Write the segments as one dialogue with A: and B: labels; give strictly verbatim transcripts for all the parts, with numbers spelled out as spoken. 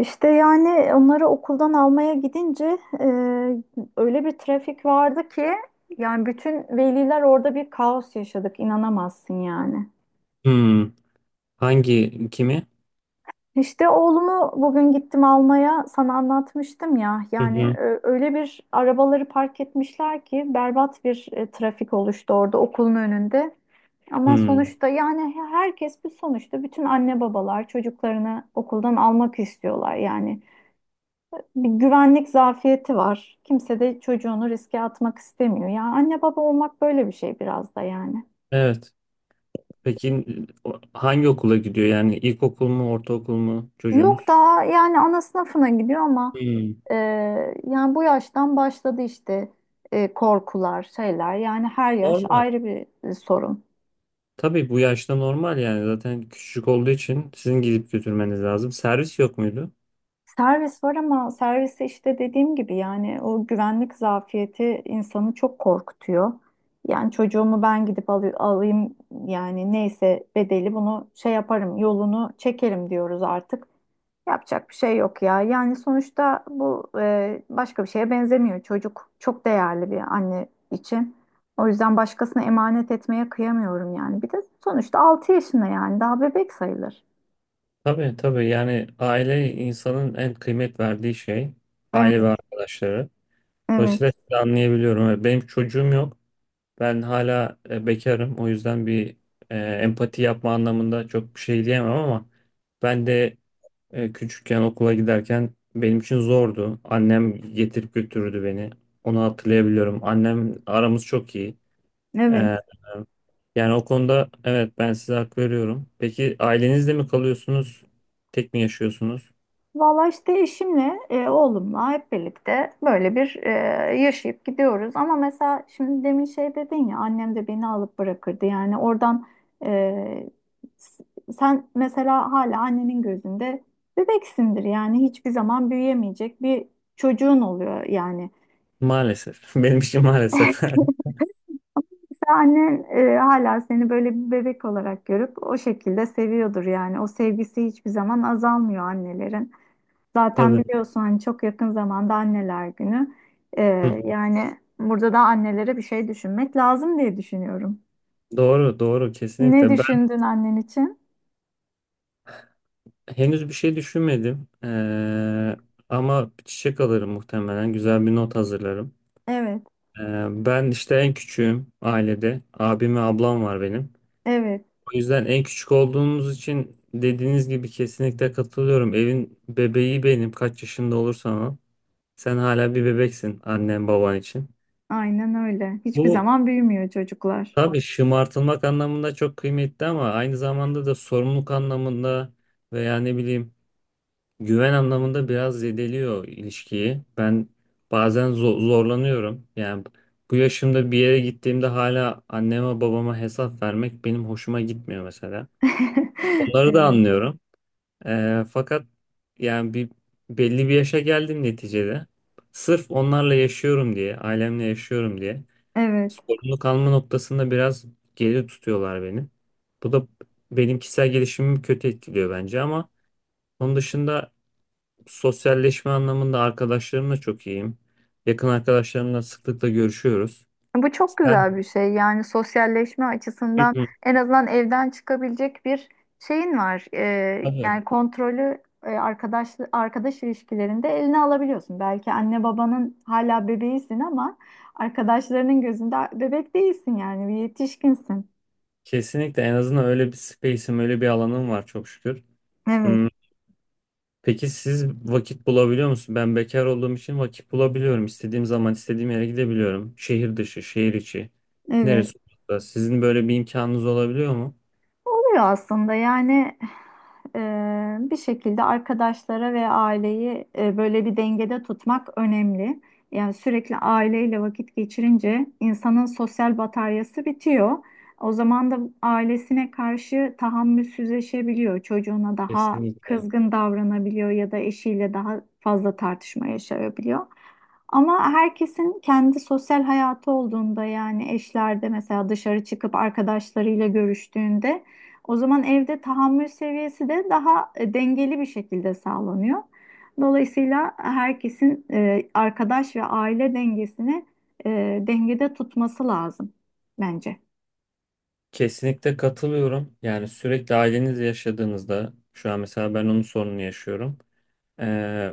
A: İşte yani onları okuldan almaya gidince e, öyle bir trafik vardı ki yani bütün veliler orada bir kaos yaşadık inanamazsın yani.
B: Hmm, hangi kimi?
A: İşte oğlumu bugün gittim almaya sana anlatmıştım ya
B: Hı
A: yani
B: hı.
A: ö- öyle bir arabaları park etmişler ki berbat bir e, trafik oluştu orada okulun önünde. Ama
B: Hmm,
A: sonuçta yani herkes bir sonuçta bütün anne babalar çocuklarını okuldan almak istiyorlar yani. Bir güvenlik zafiyeti var. Kimse de çocuğunu riske atmak istemiyor. Ya anne baba olmak böyle bir şey biraz da yani.
B: evet. Peki o- hangi okula gidiyor? Yani ilkokul mu, ortaokul mu
A: Yok
B: çocuğunuz?
A: daha yani ana sınıfına gidiyor ama
B: Hmm,
A: e, yani bu yaştan başladı işte e, korkular, şeyler. Yani her yaş
B: normal.
A: ayrı bir e, sorun.
B: Tabii bu yaşta normal yani zaten küçük olduğu için sizin gidip götürmeniz lazım. Servis yok muydu?
A: Servis var ama serviste işte dediğim gibi yani o güvenlik zafiyeti insanı çok korkutuyor. Yani çocuğumu ben gidip alı- alayım yani neyse bedeli bunu şey yaparım yolunu çekerim diyoruz artık. Yapacak bir şey yok ya. Yani sonuçta bu e, başka bir şeye benzemiyor. Çocuk çok değerli bir anne için. O yüzden başkasına emanet etmeye kıyamıyorum yani. Bir de sonuçta altı yaşında yani daha bebek sayılır.
B: Tabii tabii yani aile insanın en kıymet verdiği şey. Aile
A: Evet,
B: ve arkadaşları.
A: evet,
B: Dolayısıyla sizi anlayabiliyorum. Benim çocuğum yok. Ben hala e, bekarım. O yüzden bir e, empati yapma anlamında çok bir şey diyemem ama ben de e, küçükken okula giderken benim için zordu. Annem getirip götürürdü beni. Onu hatırlayabiliyorum. Annem aramız çok iyi. E,
A: evet.
B: Yani o konuda evet ben size hak veriyorum. Peki ailenizle mi kalıyorsunuz? Tek mi yaşıyorsunuz?
A: Valla işte eşimle, e, oğlumla hep birlikte böyle bir e, yaşayıp gidiyoruz. Ama mesela şimdi demin şey dedin ya annem de beni alıp bırakırdı. Yani oradan e, s- sen mesela hala annenin gözünde bebeksindir. Yani hiçbir zaman büyüyemeyecek bir çocuğun oluyor yani.
B: Maalesef. Benim için maalesef.
A: Mesela annen e, hala seni böyle bir bebek olarak görüp o şekilde seviyordur yani. O sevgisi hiçbir zaman azalmıyor annelerin. Zaten
B: Tabii.
A: biliyorsun hani çok yakın zamanda anneler günü.
B: Hı.
A: Ee, yani burada da annelere bir şey düşünmek lazım diye düşünüyorum.
B: Doğru, doğru, kesinlikle.
A: Ne düşündün annen için?
B: Henüz bir şey düşünmedim. Ee, ama bir çiçek alırım muhtemelen. Güzel bir not hazırlarım.
A: Evet,
B: Ee, ben işte en küçüğüm ailede. Abim ve ablam var benim.
A: evet,
B: O yüzden en küçük olduğumuz için dediğiniz gibi kesinlikle katılıyorum. Evin bebeği benim. Kaç yaşında olursan ol. Sen hala bir bebeksin annen baban için.
A: aynen öyle. Hiçbir
B: Bu
A: zaman büyümüyor çocuklar.
B: tabii şımartılmak anlamında çok kıymetli ama aynı zamanda da sorumluluk anlamında veya ne bileyim güven anlamında biraz zedeliyor ilişkiyi. Ben bazen zo- zorlanıyorum. Yani bu yaşımda bir yere gittiğimde hala anneme babama hesap vermek benim hoşuma gitmiyor mesela. Onları da
A: Evet,
B: anlıyorum. Ee, fakat yani bir belli bir yaşa geldim neticede. Sırf onlarla yaşıyorum diye, ailemle yaşıyorum diye
A: evet.
B: sorumluluk alma noktasında biraz geri tutuyorlar beni. Bu da benim kişisel gelişimimi kötü etkiliyor bence ama onun dışında sosyalleşme anlamında arkadaşlarımla çok iyiyim. Yakın arkadaşlarımla sıklıkla görüşüyoruz.
A: Bu çok
B: Sen.
A: güzel bir şey. Yani sosyalleşme
B: Hı
A: açısından
B: hı,
A: en azından evden çıkabilecek bir şeyin var. Ee,
B: tabii.
A: yani kontrolü e, arkadaş arkadaş ilişkilerinde eline alabiliyorsun. Belki anne babanın hala bebeğisin ama arkadaşlarının gözünde bebek değilsin yani bir yetişkinsin.
B: Kesinlikle en azından öyle bir space'im, öyle bir alanım var çok şükür.
A: Evet,
B: Hmm, peki siz vakit bulabiliyor musunuz? Ben bekar olduğum için vakit bulabiliyorum. İstediğim zaman istediğim yere gidebiliyorum. Şehir dışı, şehir içi.
A: evet.
B: Neresi olursa. Sizin böyle bir imkanınız olabiliyor mu?
A: Oluyor aslında yani e, bir şekilde arkadaşlara ve aileyi e, böyle bir dengede tutmak önemli. Yani sürekli aileyle vakit geçirince insanın sosyal bataryası bitiyor. O zaman da ailesine karşı tahammülsüzleşebiliyor. Çocuğuna daha
B: Kesinlikle.
A: kızgın davranabiliyor ya da eşiyle daha fazla tartışma yaşayabiliyor. Ama herkesin kendi sosyal hayatı olduğunda yani eşlerde mesela dışarı çıkıp arkadaşlarıyla görüştüğünde o zaman evde tahammül seviyesi de daha e, dengeli bir şekilde sağlanıyor. Dolayısıyla herkesin e, arkadaş ve aile dengesini e, dengede tutması lazım bence.
B: Kesinlikle katılıyorum. Yani sürekli ailenizle yaşadığınızda şu an mesela ben onun sorununu yaşıyorum. e,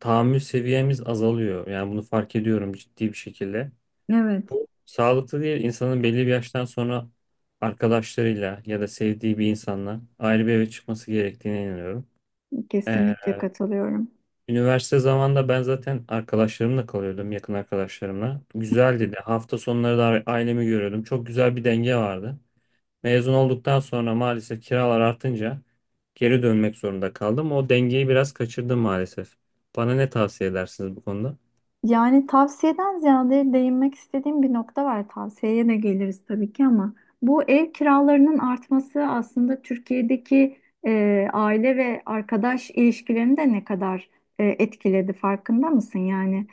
B: Tahammül seviyemiz azalıyor. Yani bunu fark ediyorum ciddi bir şekilde.
A: Evet.
B: Bu sağlıklı değil. İnsanın belli bir yaştan sonra arkadaşlarıyla ya da sevdiği bir insanla ayrı bir eve çıkması gerektiğine inanıyorum. E,
A: Kesinlikle katılıyorum.
B: Üniversite zamanında ben zaten arkadaşlarımla kalıyordum, yakın arkadaşlarımla. Güzeldi de hafta sonları da ailemi görüyordum. Çok güzel bir denge vardı. Mezun olduktan sonra maalesef kiralar artınca geri dönmek zorunda kaldım. O dengeyi biraz kaçırdım maalesef. Bana ne tavsiye edersiniz bu konuda?
A: Yani tavsiyeden ziyade değinmek istediğim bir nokta var. Tavsiyeye de geliriz tabii ki ama bu ev kiralarının artması aslında Türkiye'deki e, aile ve arkadaş ilişkilerini de ne kadar e, etkiledi farkında mısın? Yani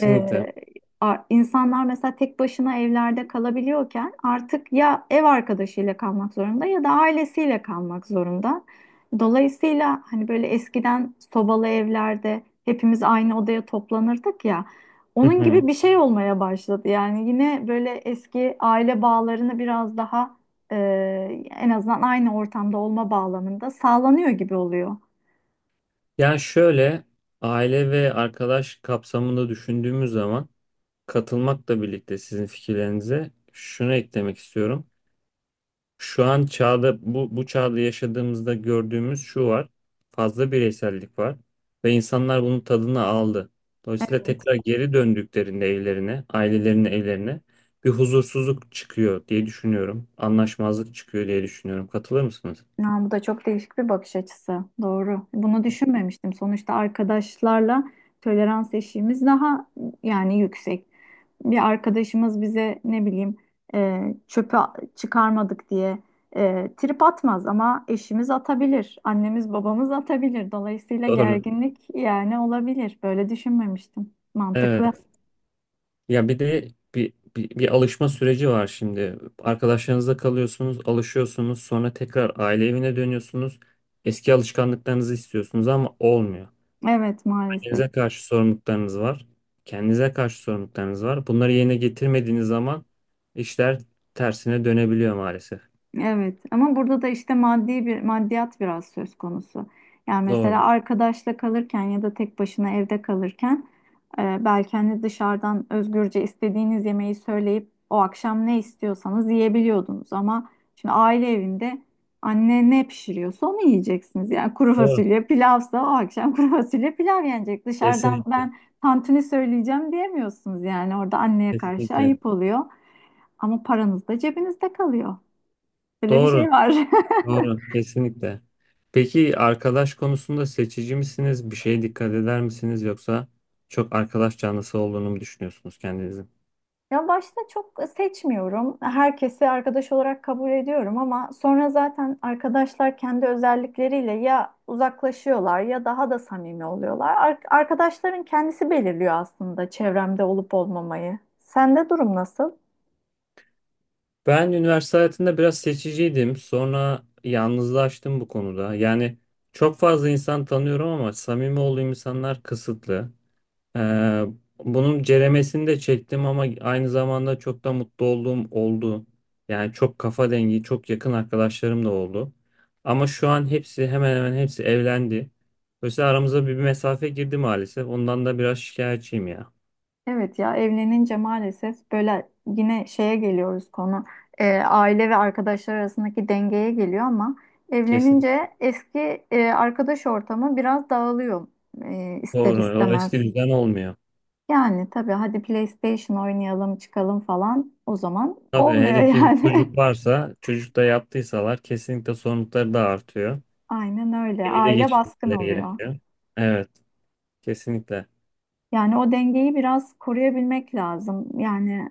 A: e, a- insanlar mesela tek başına evlerde kalabiliyorken artık ya ev arkadaşıyla kalmak zorunda ya da ailesiyle kalmak zorunda. Dolayısıyla hani böyle eskiden sobalı evlerde hepimiz aynı odaya toplanırdık ya.
B: Hı
A: Onun gibi
B: hı.
A: bir şey olmaya başladı. Yani yine böyle eski aile bağlarını biraz daha e, en azından aynı ortamda olma bağlamında sağlanıyor gibi oluyor.
B: Yani şöyle, aile ve arkadaş kapsamında düşündüğümüz zaman katılmakla birlikte sizin fikirlerinize şunu eklemek istiyorum. Şu an çağda bu, bu çağda yaşadığımızda gördüğümüz şu var. Fazla bireysellik var ve insanlar bunun tadını aldı. Dolayısıyla tekrar geri döndüklerinde evlerine, ailelerinin evlerine bir huzursuzluk çıkıyor diye düşünüyorum. Anlaşmazlık çıkıyor diye düşünüyorum. Katılır mısınız?
A: Ya, bu da çok değişik bir bakış açısı. Doğru. Bunu düşünmemiştim. Sonuçta arkadaşlarla tolerans eşiğimiz daha yani yüksek. Bir arkadaşımız bize ne bileyim e, çöpü çıkarmadık diye e, trip atmaz ama eşimiz atabilir. Annemiz babamız atabilir. Dolayısıyla
B: Doğru.
A: gerginlik yani olabilir. Böyle düşünmemiştim. Mantıklı.
B: Evet. Ya bir de bir, bir, bir alışma süreci var şimdi. Arkadaşlarınızla kalıyorsunuz, alışıyorsunuz, sonra tekrar aile evine dönüyorsunuz. Eski alışkanlıklarınızı istiyorsunuz ama olmuyor.
A: Evet maalesef.
B: Kendinize karşı sorumluluklarınız var. Kendinize karşı sorumluluklarınız var. Bunları yerine getirmediğiniz zaman işler tersine dönebiliyor maalesef.
A: Evet ama burada da işte maddi bir maddiyat biraz söz konusu. Yani
B: Doğru.
A: mesela arkadaşla kalırken ya da tek başına evde kalırken e, belki hani dışarıdan özgürce istediğiniz yemeği söyleyip o akşam ne istiyorsanız yiyebiliyordunuz ama şimdi aile evinde anne ne pişiriyorsa onu yiyeceksiniz. Yani kuru
B: Doğru.
A: fasulye pilavsa o akşam kuru fasulye pilav yenecek. Dışarıdan
B: Kesinlikle.
A: ben tantuni söyleyeceğim diyemiyorsunuz yani orada anneye karşı
B: Kesinlikle.
A: ayıp oluyor ama paranız da cebinizde kalıyor. Böyle bir
B: Doğru.
A: şey var.
B: Doğru. Kesinlikle. Peki arkadaş konusunda seçici misiniz? Bir şeye dikkat eder misiniz? Yoksa çok arkadaş canlısı olduğunu mu düşünüyorsunuz kendinizi?
A: Ya başta çok seçmiyorum. Herkesi arkadaş olarak kabul ediyorum ama sonra zaten arkadaşlar kendi özellikleriyle ya uzaklaşıyorlar ya daha da samimi oluyorlar. Ar- arkadaşların kendisi belirliyor aslında çevremde olup olmamayı. Sende durum nasıl?
B: Ben üniversite hayatında biraz seçiciydim. Sonra yalnızlaştım bu konuda. Yani çok fazla insan tanıyorum ama samimi olduğum insanlar kısıtlı. Ee, Bunun ceremesini de çektim ama aynı zamanda çok da mutlu olduğum oldu. Yani çok kafa dengi, çok yakın arkadaşlarım da oldu. Ama şu an hepsi, hemen hemen hepsi evlendi. Dolayısıyla aramıza bir mesafe girdi maalesef. Ondan da biraz şikayetçiyim ya.
A: Evet ya evlenince maalesef böyle yine şeye geliyoruz konu e, aile ve arkadaşlar arasındaki dengeye geliyor ama
B: Kesin.
A: evlenince eski e, arkadaş ortamı biraz dağılıyor e, ister
B: Doğru. O eski
A: istemez.
B: düzen olmuyor.
A: Yani tabii hadi PlayStation oynayalım çıkalım falan o zaman
B: Tabii
A: olmuyor
B: hele ki bir
A: yani.
B: çocuk varsa, çocuk da yaptıysalar kesinlikle sorumlulukları da artıyor.
A: Aynen öyle
B: Evi de
A: aile baskın
B: geçirmeleri
A: oluyor.
B: gerekiyor. Evet, kesinlikle.
A: Yani o dengeyi biraz koruyabilmek lazım. Yani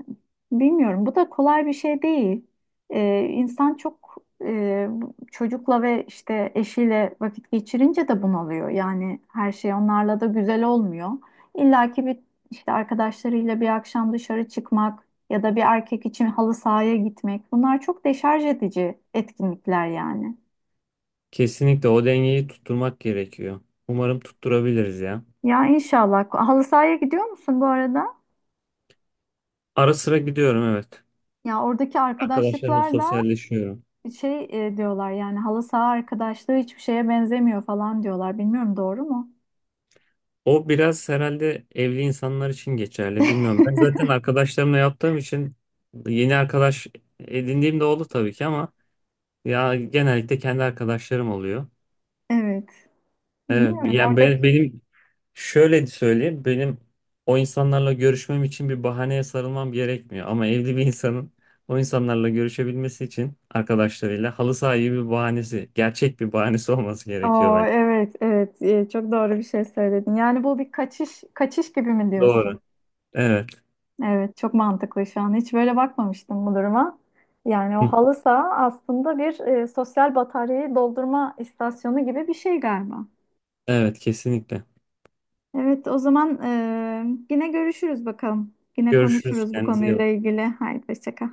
A: bilmiyorum. Bu da kolay bir şey değil. Ee, insan çok e, çocukla ve işte eşiyle vakit geçirince de bunalıyor. Yani her şey onlarla da güzel olmuyor. İlla ki bir işte arkadaşlarıyla bir akşam dışarı çıkmak ya da bir erkek için halı sahaya gitmek. Bunlar çok deşarj edici etkinlikler yani.
B: Kesinlikle o dengeyi tutturmak gerekiyor. Umarım tutturabiliriz ya.
A: Ya inşallah. Halı sahaya gidiyor musun bu arada?
B: Ara sıra gidiyorum, evet.
A: Ya oradaki
B: Arkadaşlarımla
A: arkadaşlıklar da
B: sosyalleşiyorum.
A: şey e, diyorlar yani halı saha arkadaşlığı hiçbir şeye benzemiyor falan diyorlar. Bilmiyorum doğru mu?
B: O biraz herhalde evli insanlar için geçerli. Bilmiyorum. Ben zaten arkadaşlarımla yaptığım için yeni arkadaş edindiğim de oldu tabii ki ama ya genellikle kendi arkadaşlarım oluyor.
A: Evet.
B: Evet,
A: Bilmiyorum
B: yani ben-
A: oradaki.
B: benim şöyle söyleyeyim, benim o insanlarla görüşmem için bir bahaneye sarılmam gerekmiyor ama evli bir insanın o insanlarla görüşebilmesi için arkadaşlarıyla halı saha gibi bir bahanesi, gerçek bir bahanesi olması gerekiyor
A: Oo,
B: bence.
A: evet evet. E, çok doğru bir şey söyledin. Yani bu bir kaçış kaçış gibi mi
B: Doğru.
A: diyorsun?
B: Evet.
A: Evet çok mantıklı şu an. Hiç böyle bakmamıştım bu duruma. Yani o
B: Hı.
A: halı saha aslında bir e, sosyal bataryayı doldurma istasyonu gibi bir şey galiba.
B: Evet, kesinlikle.
A: Evet o zaman e, yine görüşürüz bakalım. Yine
B: Görüşürüz.
A: konuşuruz bu
B: Kendinize iyi
A: konuyla
B: bakın.
A: ilgili. Haydi hoşça kal.